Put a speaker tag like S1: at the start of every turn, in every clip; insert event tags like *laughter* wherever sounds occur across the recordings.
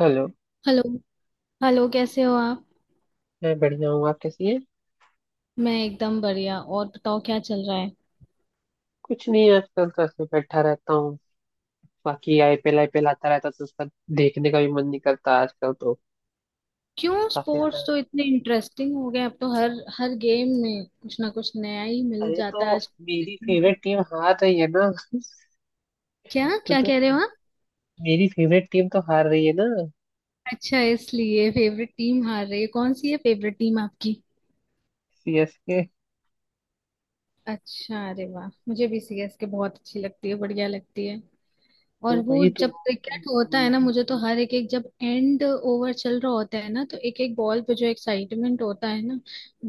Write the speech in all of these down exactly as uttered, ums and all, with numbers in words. S1: Hello.
S2: Hello. Hello, कैसे हो आप?
S1: मैं बढ़िया हूँ, आप कैसी हैं?
S2: मैं एकदम बढ़िया। और बताओ, क्या चल रहा है?
S1: कुछ नहीं, आजकल तो ऐसे बैठा रहता हूँ। बाकी I P L I P L आता रहता तो उसका देखने का भी मन नहीं करता आजकल तो।
S2: क्यों,
S1: काफी
S2: स्पोर्ट्स
S1: ज्यादा।
S2: तो इतने इंटरेस्टिंग हो गए अब तो। हर हर गेम में कुछ ना कुछ नया ही मिल
S1: अरे
S2: जाता है
S1: तो
S2: आज
S1: मेरी
S2: देखने को।
S1: फेवरेट टीम हार रही है ना *laughs*
S2: क्या
S1: तो,
S2: क्या
S1: तो
S2: कह रहे हो आप?
S1: मेरी फेवरेट टीम तो हार रही है ना।
S2: अच्छा, इसलिए फेवरेट टीम हार रही है। कौन सी है फेवरेट टीम आपकी?
S1: सी एस के।
S2: अच्छा, अरे वाह, मुझे भी सी एस के बहुत अच्छी लगती है, बढ़िया लगती है। और
S1: तो
S2: वो
S1: वही तो,
S2: जब क्रिकेट होता
S1: हाँ।
S2: है ना, मुझे तो हर एक एक, जब एंड ओवर चल रहा होता है ना, तो एक एक बॉल पे जो एक्साइटमेंट होता है ना,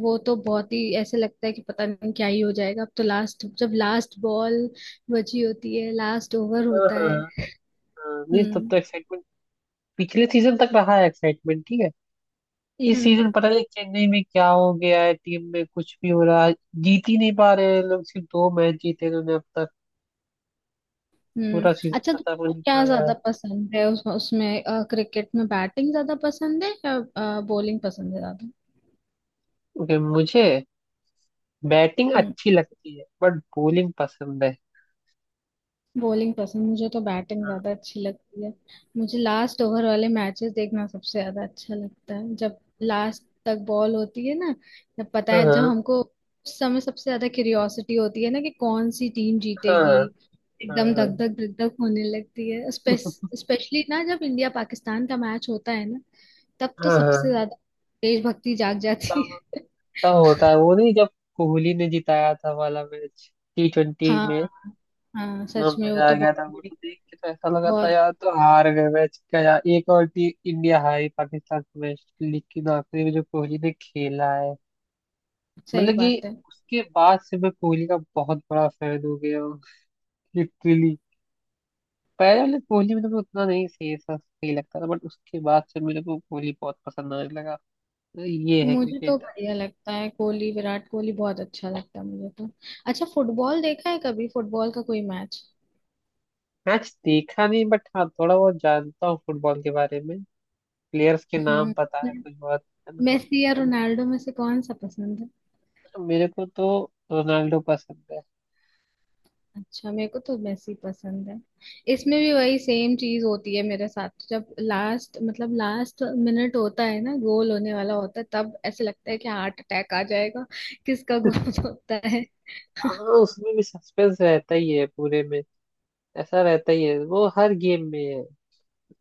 S2: वो तो बहुत ही ऐसे लगता है कि पता नहीं क्या ही हो जाएगा अब तो। लास्ट जब लास्ट बॉल बची होती है, लास्ट ओवर
S1: हाँ।
S2: होता है।
S1: हाँ, नहीं तब
S2: हम्म।
S1: तो एक्साइटमेंट पिछले सीजन तक रहा है। एक्साइटमेंट ठीक है। इस
S2: हम्म।
S1: सीजन पता नहीं चेन्नई में क्या हो गया है, टीम में कुछ भी हो रहा है। जीत ही नहीं पा रहे हैं लोग, सिर्फ दो मैच जीते इन्होंने अब तक।
S2: हम्म।
S1: पूरा सीजन
S2: अच्छा
S1: खत्म हो
S2: तो,
S1: नहीं
S2: क्या
S1: पाया है।
S2: ज्यादा पसंद है उस, उसमें क्रिकेट में, बैटिंग ज्यादा पसंद है या बॉलिंग पसंद है ज्यादा?
S1: ओके मुझे बैटिंग
S2: हम्म।
S1: अच्छी लगती है, बट बॉलिंग पसंद है।
S2: बॉलिंग पसंद। मुझे तो बैटिंग
S1: हाँ।
S2: ज्यादा अच्छी लगती है। मुझे लास्ट ओवर वाले मैचेस देखना सबसे ज्यादा अच्छा लगता है, जब लास्ट तक बॉल होती है ना, जब पता है जब
S1: हाँ।
S2: हमको, उस समय सबसे ज्यादा क्यूरियोसिटी होती है ना कि कौन सी टीम जीतेगी।
S1: हाँ।
S2: एकदम धक धक
S1: हाँ।
S2: धक धक होने लगती है, स्पेशली ना जब इंडिया पाकिस्तान का मैच होता है ना। तब तो
S1: हाँ।
S2: सबसे
S1: हाँ,
S2: ज्यादा देशभक्ति जाग जाती
S1: तब
S2: है *laughs*
S1: तब होता है वो, नहीं जब कोहली ने जिताया था वाला मैच, टी ट्वेंटी
S2: हाँ।
S1: में।
S2: हाँ,
S1: इतना
S2: सच में, वो
S1: मजा आ
S2: तो
S1: गया
S2: बहुत
S1: था वो
S2: बड़ी,
S1: तो, देख के तो ऐसा लगा था
S2: बहुत
S1: यार तो हार गए मैच का, यार एक और टी इंडिया हारी पाकिस्तान के मैच, लेकिन आखिरी में जो कोहली ने खेला है
S2: सही
S1: मतलब कि
S2: बात है।
S1: उसके बाद से मैं कोहली का बहुत बड़ा फैन हो गया हूँ। लिटरली। पहले वाले कोहली मेरे को उतना नहीं, सही सा सही लगता था बट उसके बाद से मेरे को कोहली बहुत पसंद आने लगा। तो ये है
S2: मुझे तो
S1: क्रिकेट।
S2: बढ़िया लगता है कोहली, विराट कोहली बहुत अच्छा लगता है मुझे तो। अच्छा, फुटबॉल देखा है कभी, फुटबॉल का कोई मैच?
S1: मैच देखा नहीं बट हाँ थोड़ा बहुत जानता हूँ फुटबॉल के बारे में। प्लेयर्स के नाम
S2: हम्म।
S1: पता है कुछ। बहुत है ना।
S2: मेसी या रोनाल्डो में से कौन सा पसंद है?
S1: तो मेरे को तो रोनाल्डो पसंद है।
S2: अच्छा, मेरे को तो मेसी पसंद है। इसमें भी वही सेम चीज होती है मेरे साथ, जब लास्ट, मतलब लास्ट मिनट होता है ना, गोल होने वाला होता है, तब ऐसे लगता है कि हार्ट अटैक आ जाएगा। किसका गोल *laughs* होता है?
S1: हाँ, उसमें भी सस्पेंस रहता ही है पूरे में। ऐसा रहता ही है वो, हर गेम में है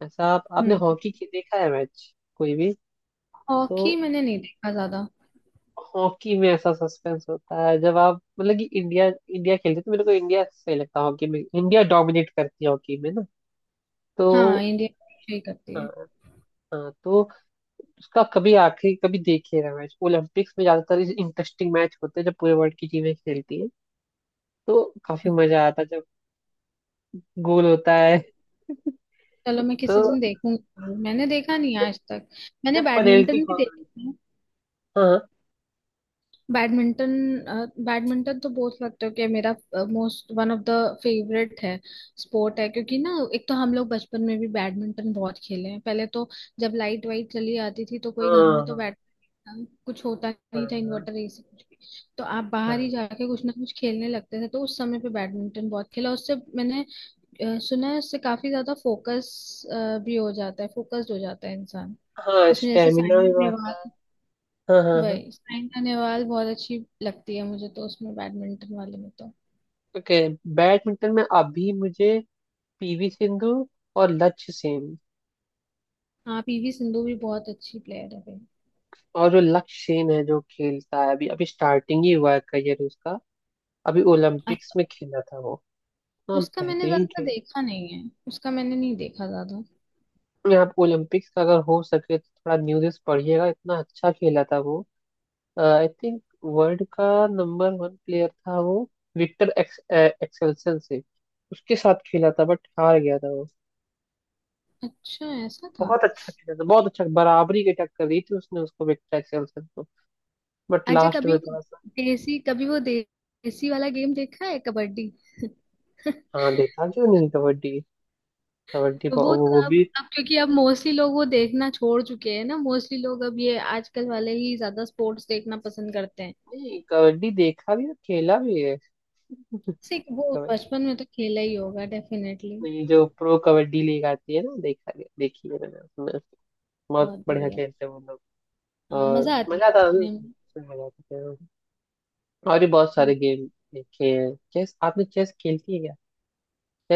S1: ऐसा। आप आपने
S2: हम्म।
S1: हॉकी की देखा है मैच कोई भी? तो
S2: हॉकी मैंने नहीं देखा ज्यादा।
S1: हॉकी में ऐसा सस्पेंस होता है जब आप मतलब कि इंडिया इंडिया खेलती है तो मेरे को इंडिया सही लगता है, हॉकी में इंडिया डोमिनेट करती है हॉकी में ना। तो
S2: हाँ, इंडिया ही करती है।
S1: हाँ। हाँ, तो उसका कभी आखिरी कभी देखे रहा मैच। ओलंपिक्स में ज्यादातर इंटरेस्टिंग मैच होते हैं जब पूरे वर्ल्ड की टीमें खेलती है तो काफी मजा आता है जब गोल होता है।
S2: चलो, मैं
S1: तो
S2: किसी दिन देखूंगी, मैंने देखा नहीं
S1: जब
S2: आज तक। मैंने
S1: जब पेनल्टी
S2: बैडमिंटन भी
S1: कॉर्नर।
S2: देखा है।
S1: हाँ।
S2: बैडमिंटन, बैडमिंटन तो बोल सकते हो कि मेरा most, one of the favourite है, स्पोर्ट है, क्योंकि ना, एक तो हम लोग बचपन में भी बैडमिंटन बहुत खेले हैं पहले तो। जब लाइट वाइट चली आती थी तो कोई घर में तो
S1: हाँ।
S2: बैड, कुछ होता नहीं था
S1: हाँ।
S2: इन्वर्टर ऐसे कुछ भी, तो आप बाहर ही
S1: हाँ।
S2: जाके कुछ ना कुछ खेलने लगते थे, तो उस समय पे बैडमिंटन बहुत खेला। उससे मैंने अ, सुना है उससे काफी ज्यादा फोकस भी हो जाता है, फोकस्ड हो जाता है इंसान।
S1: हाँ,
S2: उसमें जैसे
S1: स्टेमिना भी
S2: साइन
S1: बढ़ता है।
S2: नेहवाल,
S1: हाँ। हाँ। हाँ।
S2: वही साइना नेहवाल बहुत अच्छी लगती है मुझे तो उसमें बैडमिंटन वाले में तो।
S1: ओके, बैडमिंटन में अभी मुझे पी वी सिंधु और लक्ष्य सेन।
S2: हाँ, पी वी सिंधु भी बहुत अच्छी प्लेयर है भाई।
S1: और जो लक्ष्य सेन है जो खेलता है, अभी अभी स्टार्टिंग ही हुआ है करियर उसका, अभी ओलंपिक्स
S2: अच्छा,
S1: में खेला था वो। हाँ
S2: उसका मैंने
S1: बेहतरीन
S2: ज्यादा
S1: खेल।
S2: देखा नहीं है, उसका मैंने नहीं देखा ज्यादा।
S1: आप ओलंपिक्स का अगर हो सके तो थोड़ा न्यूज़ पढ़िएगा, इतना अच्छा खेला था वो। आई थिंक वर्ल्ड का नंबर वन प्लेयर था वो, विक्टर एक्स, ए- एक्सेल्सन से उसके साथ खेला था बट हार गया था वो।
S2: अच्छा, ऐसा था।
S1: बहुत अच्छा खेला था, बहुत अच्छा बराबरी की टक्कर दी थी उसने उसको, विक्टर एक्सेल्सन को। बट
S2: अच्छा,
S1: लास्ट
S2: कभी
S1: में
S2: वो
S1: थोड़ा।
S2: देसी, कभी वो देसी वाला गेम देखा है, कबड्डी? *laughs*
S1: हाँ देखा क्यों नहीं कबड्डी। कबड्डी
S2: तो वो
S1: बहु- वो
S2: तो
S1: वो
S2: अब
S1: भी।
S2: अब क्योंकि अब मोस्टली लोग वो देखना छोड़ चुके हैं ना, मोस्टली लोग अब ये आजकल वाले ही ज्यादा स्पोर्ट्स देखना पसंद करते हैं।
S1: नहीं कबड्डी देखा भी और खेला भी है।
S2: जैसे कि वो
S1: कबड्डी,
S2: बचपन में तो खेला ही होगा डेफिनेटली।
S1: ये जो प्रो कबड्डी लीग आती है ना देखा, गया देखी है मैंने उसमें, बहुत
S2: बहुत
S1: बढ़िया
S2: बढ़िया।
S1: खेलते हैं वो लोग।
S2: हाँ,
S1: और
S2: मजा आती है
S1: मजा आता है
S2: देखने में।
S1: उसमें, मजा आता है। और भी बहुत सारे
S2: हम्म।
S1: गेम देखे हैं। चेस आपने, चेस खेलती है क्या?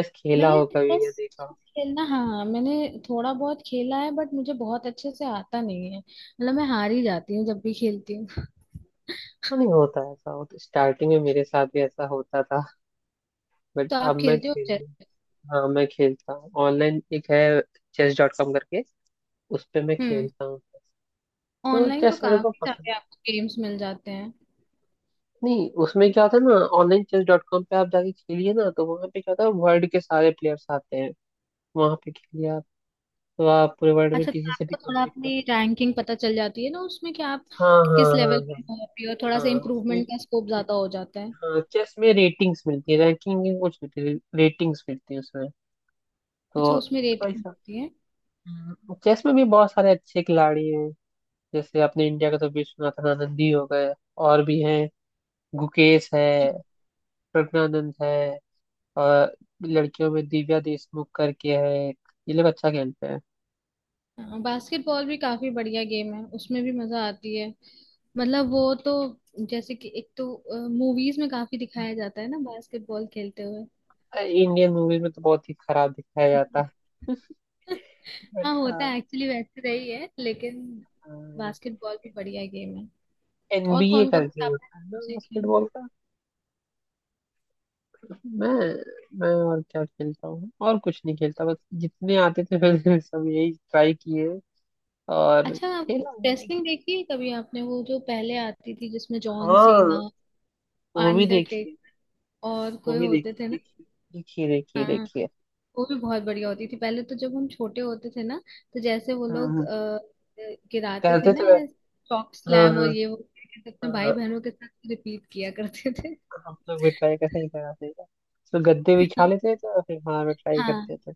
S1: चेस खेला
S2: मैंने
S1: हो कभी या
S2: चेस
S1: देखा हो?
S2: खेलना, हाँ मैंने थोड़ा बहुत खेला है, बट मुझे बहुत अच्छे से आता नहीं है, मतलब मैं हार ही जाती हूँ जब भी खेलती हूँ *laughs*
S1: हाँ, नहीं होता है ऐसा, होता स्टार्टिंग में मेरे साथ भी ऐसा होता था बट
S2: तो
S1: अब
S2: आप
S1: मैं
S2: खेलते हो
S1: खेल।
S2: चेस?
S1: हाँ मैं खेलता हूँ ऑनलाइन, एक है चेस डॉट कॉम करके, उस पे मैं
S2: हम्म।
S1: खेलता हूँ। तो
S2: ऑनलाइन तो
S1: चेस मेरे को
S2: काफी
S1: पसंद।
S2: सारे आपको गेम्स मिल जाते हैं।
S1: नहीं उसमें क्या होता है ना, ऑनलाइन चेस डॉट कॉम पे आप जाके खेलिए ना तो वहाँ पे क्या होता है, वर्ल्ड के सारे प्लेयर्स आते हैं वहाँ पे, खेलिए आप तो आप पूरे वर्ल्ड में
S2: अच्छा, तो
S1: किसी से भी
S2: आपको थोड़ा
S1: कम्पीट कर।
S2: अपनी रैंकिंग पता चल जाती है ना उसमें, कि आप
S1: हाँ। हाँ।
S2: किस
S1: हाँ।
S2: लेवल
S1: हाँ।
S2: पे हो अभी, और थोड़ा सा
S1: हाँ उसमें।
S2: इम्प्रूवमेंट का स्कोप ज्यादा हो जाता है।
S1: हाँ, चेस में रेटिंग्स मिलती है, रैंकिंग कुछ मिलती है, रेटिंग्स मिलती है उसमें
S2: अच्छा,
S1: तो।
S2: उसमें रेटिंग
S1: ऐसा।
S2: होती है।
S1: हम्म, चेस में भी बहुत सारे अच्छे खिलाड़ी हैं, जैसे अपने इंडिया का तो विश्वनाथन आनंद ही हो गए, और भी हैं। गुकेश है, प्रज्ञानंद है, और लड़कियों में दिव्या देशमुख करके है एक। ये लोग अच्छा खेलते हैं।
S2: हाँ, बास्केटबॉल भी काफी बढ़िया गेम है, उसमें भी मजा आती है। मतलब वो तो जैसे कि एक तो मूवीज में काफी दिखाया जाता है ना बास्केटबॉल खेलते हुए।
S1: इंडियन मूवीज में तो बहुत ही खराब दिखाया जाता है।
S2: *laughs*
S1: बट
S2: हाँ, होता है एक्चुअली, वैसे रही है, लेकिन बास्केटबॉल भी बढ़िया गेम है। और
S1: एन बी ए
S2: कौन कौन
S1: करके
S2: से आपने
S1: होता है ना
S2: देखे हैं?
S1: बास्केटबॉल का। मैं मैं और क्या खेलता हूँ, और कुछ नहीं खेलता, बस जितने आते थे मैंने *laughs* सब यही ट्राई किए और
S2: अच्छा,
S1: खेला।
S2: रेसलिंग देखी है कभी आपने, वो जो पहले आती थी जिसमें जॉन सीना,
S1: हाँ वो भी देखिए,
S2: अंडरटेक और
S1: वो
S2: कोई
S1: भी
S2: होते
S1: देखिए,
S2: थे ना?
S1: देखिए देखिए देखिए
S2: हाँ,
S1: देखिए।
S2: वो भी बहुत बढ़िया होती थी पहले तो, जब हम छोटे होते थे ना। तो जैसे वो
S1: हाँ।
S2: लोग
S1: हाँ,
S2: अ, गिराते थे
S1: करते
S2: ना,
S1: तो वै-
S2: चॉक
S1: हाँ।
S2: स्लैम और
S1: हाँ।
S2: ये वो करके, अपने भाई
S1: हाँ,
S2: बहनों के साथ रिपीट किया करते थे *laughs*
S1: हम लोग भी ट्राई करते ही, करा देगा तो गद्दे बिछा लेते थे और फिर खाना में ट्राई करते
S2: हाँ,
S1: थे।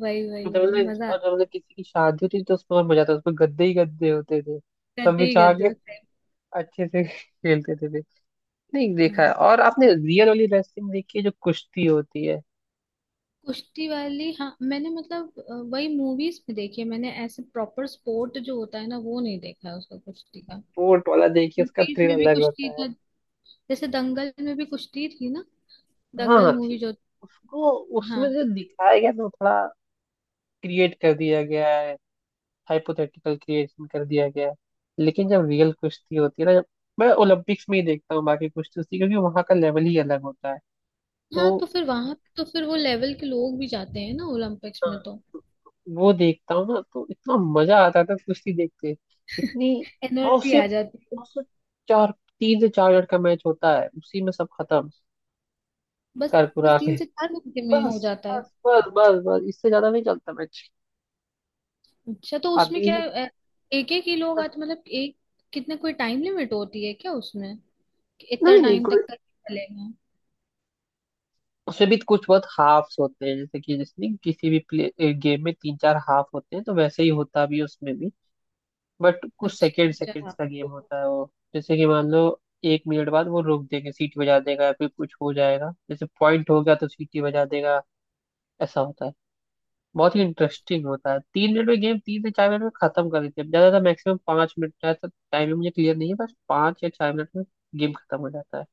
S2: वही वही
S1: मतलब
S2: वही
S1: मतलब-
S2: मजा
S1: और
S2: आता,
S1: जब मतलब किसी की शादी होती थी तो उसमें और मजा आता था, उसमें गद्दे ही गद्दे होते थे सब
S2: करते ही
S1: बिछा
S2: करते
S1: के,
S2: उस टाइम।
S1: अच्छे से *laughs* खेलते थे फिर। नहीं देखा है।
S2: हम्म।
S1: और आपने रियल वाली रेसलिंग देखी है जो कुश्ती होती है?
S2: कुश्ती वाली, हाँ मैंने, मतलब अ, वही मूवीज में देखी है मैंने, ऐसे प्रॉपर स्पोर्ट जो होता है ना वो नहीं देखा है उसका, कुश्ती का।
S1: स्पोर्ट वाला देखिए उसका
S2: मूवीज
S1: थ्रिल
S2: में भी
S1: अलग
S2: कुश्ती
S1: होता है।
S2: था, जैसे दंगल में भी कुश्ती थी ना,
S1: हाँ
S2: दंगल
S1: हाँ
S2: मूवी
S1: ठीक।
S2: जो।
S1: उसको, उसमें
S2: हाँ,
S1: जो दिखाया गया ना वो थोड़ा क्रिएट कर दिया गया है, हाइपोथेटिकल क्रिएशन कर दिया गया है। लेकिन जब रियल कुश्ती होती है ना, जब मैं ओलंपिक्स में ही देखता हूँ बाकी कुश्ती उश्ती, क्योंकि वहां का लेवल ही अलग होता है तो।
S2: हाँ तो फिर वहां तो फिर वो लेवल के लोग भी जाते हैं ना ओलंपिक्स में तो।
S1: वो देखता हूँ ना तो इतना मजा आता था कुश्ती देखते। इतनी। और
S2: एनर्जी आ
S1: सिर्फ
S2: जाती है।
S1: और सिर्फ चार, तीन से चार मिनट का मैच होता है, उसी में सब खत्म
S2: बस,
S1: कर
S2: बस
S1: कुरा के
S2: तीन से चार घंटे
S1: *laughs*
S2: में
S1: बस,
S2: हो जाता है।
S1: बस, बस, बस, बस, इससे ज्यादा नहीं चलता मैच।
S2: अच्छा, तो उसमें
S1: अभी
S2: क्या एक एक ही लोग आते, मतलब एक कितने, कोई टाइम लिमिट होती है क्या उसमें कि इतना
S1: नहीं नहीं,
S2: टाइम तक का चलेगा?
S1: उसमें भी कुछ बहुत हाफ्स होते हैं जैसे कि जिसमें किसी भी प्ले गेम में तीन चार हाफ होते हैं तो वैसे ही होता भी है उसमें भी। बट कुछ
S2: अच्छा,
S1: सेकेंड
S2: अच्छा,
S1: सेकेंड्स
S2: हाँ।
S1: का गेम होता है वो। जैसे कि मान लो एक मिनट बाद वो रोक देंगे, सीटी बजा देगा या फिर कुछ हो जाएगा, जैसे पॉइंट हो गया तो सीटी बजा देगा, ऐसा होता है। बहुत ही इंटरेस्टिंग होता है, तीन मिनट में गेम, तीन से चार मिनट में खत्म कर देते हैं ज्यादातर। मैक्सिमम पांच मिनट का है तो, टाइम मुझे क्लियर नहीं है, बस पांच या चार मिनट में गेम खत्म हो जाता है।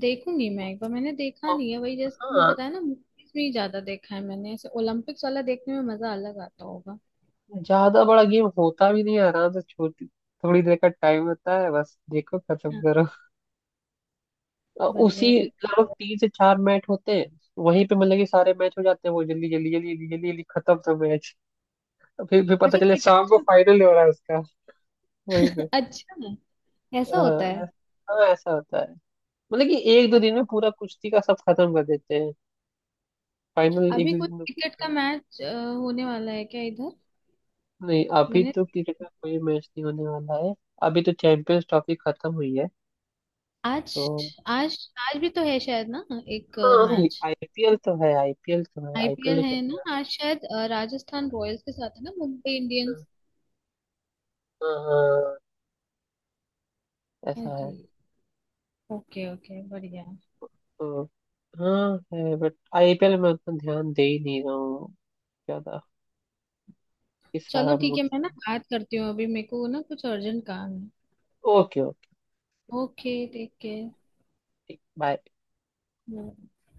S2: देखूंगी मैं एक बार, मैंने देखा
S1: और-
S2: नहीं है, वही जैसे तुमने
S1: हाँ
S2: बताया ना, मूवीज में ही ज्यादा देखा है मैंने, ऐसे ओलंपिक्स वाला देखने में मजा अलग आता होगा।
S1: ज्यादा बड़ा गेम होता भी नहीं है आराम से, छोटी थोड़ी देर का टाइम होता है, बस देखो खत्म
S2: हाँ,
S1: करो। और
S2: बढ़िया
S1: उसी,
S2: है, बढ़िया।
S1: लगभग तीन से चार मैच होते हैं वहीं पे, मतलब कि सारे मैच हो जाते हैं वो जल्दी जल्दी जल्दी जल्दी जल्दी जल्दी, खत्म सब मैच। फिर फिर पता
S2: अच्छा,
S1: चले शाम को
S2: क्रिकेट
S1: फाइनल हो रहा है उसका वहीं पे।
S2: *laughs* अच्छा, ऐसा होता है।
S1: हाँ। हाँ ऐसा होता है, मतलब कि एक दो दिन में पूरा कुश्ती का सब खत्म कर देते हैं, फाइनल एक
S2: अभी
S1: दो
S2: कुछ
S1: दिन में पूछ
S2: क्रिकेट
S1: रहा
S2: का
S1: है।
S2: मैच होने वाला है क्या इधर?
S1: नहीं अभी
S2: मैंने
S1: तो क्रिकेट का कोई मैच नहीं होने वाला है, अभी तो चैंपियंस ट्रॉफी खत्म हुई है
S2: आज,
S1: तो।
S2: आज आज भी तो है शायद ना, एक
S1: हाँ नहीं
S2: मैच।
S1: आई पी एल तो है, आई पी एल तो है, आईपीएल
S2: आई पी एल
S1: तो चल
S2: है ना
S1: रहा
S2: आज शायद, अ, राजस्थान रॉयल्स के साथ है ना मुंबई
S1: है।
S2: इंडियंस।
S1: हाँ हाँ,
S2: हाँ
S1: ऐसा
S2: जी,
S1: है
S2: ओके ओके, बढ़िया।
S1: तो। हाँ है, बट आई पी एल में मैं उतना ध्यान दे ही नहीं रहा हूँ ज्यादा कि
S2: चलो,
S1: सारा
S2: ठीक
S1: मूड।
S2: है, मैं ना बात करती हूँ, अभी मेरे को ना कुछ अर्जेंट काम है।
S1: Okay okay.
S2: Okay, take care.
S1: ठीक, बाय।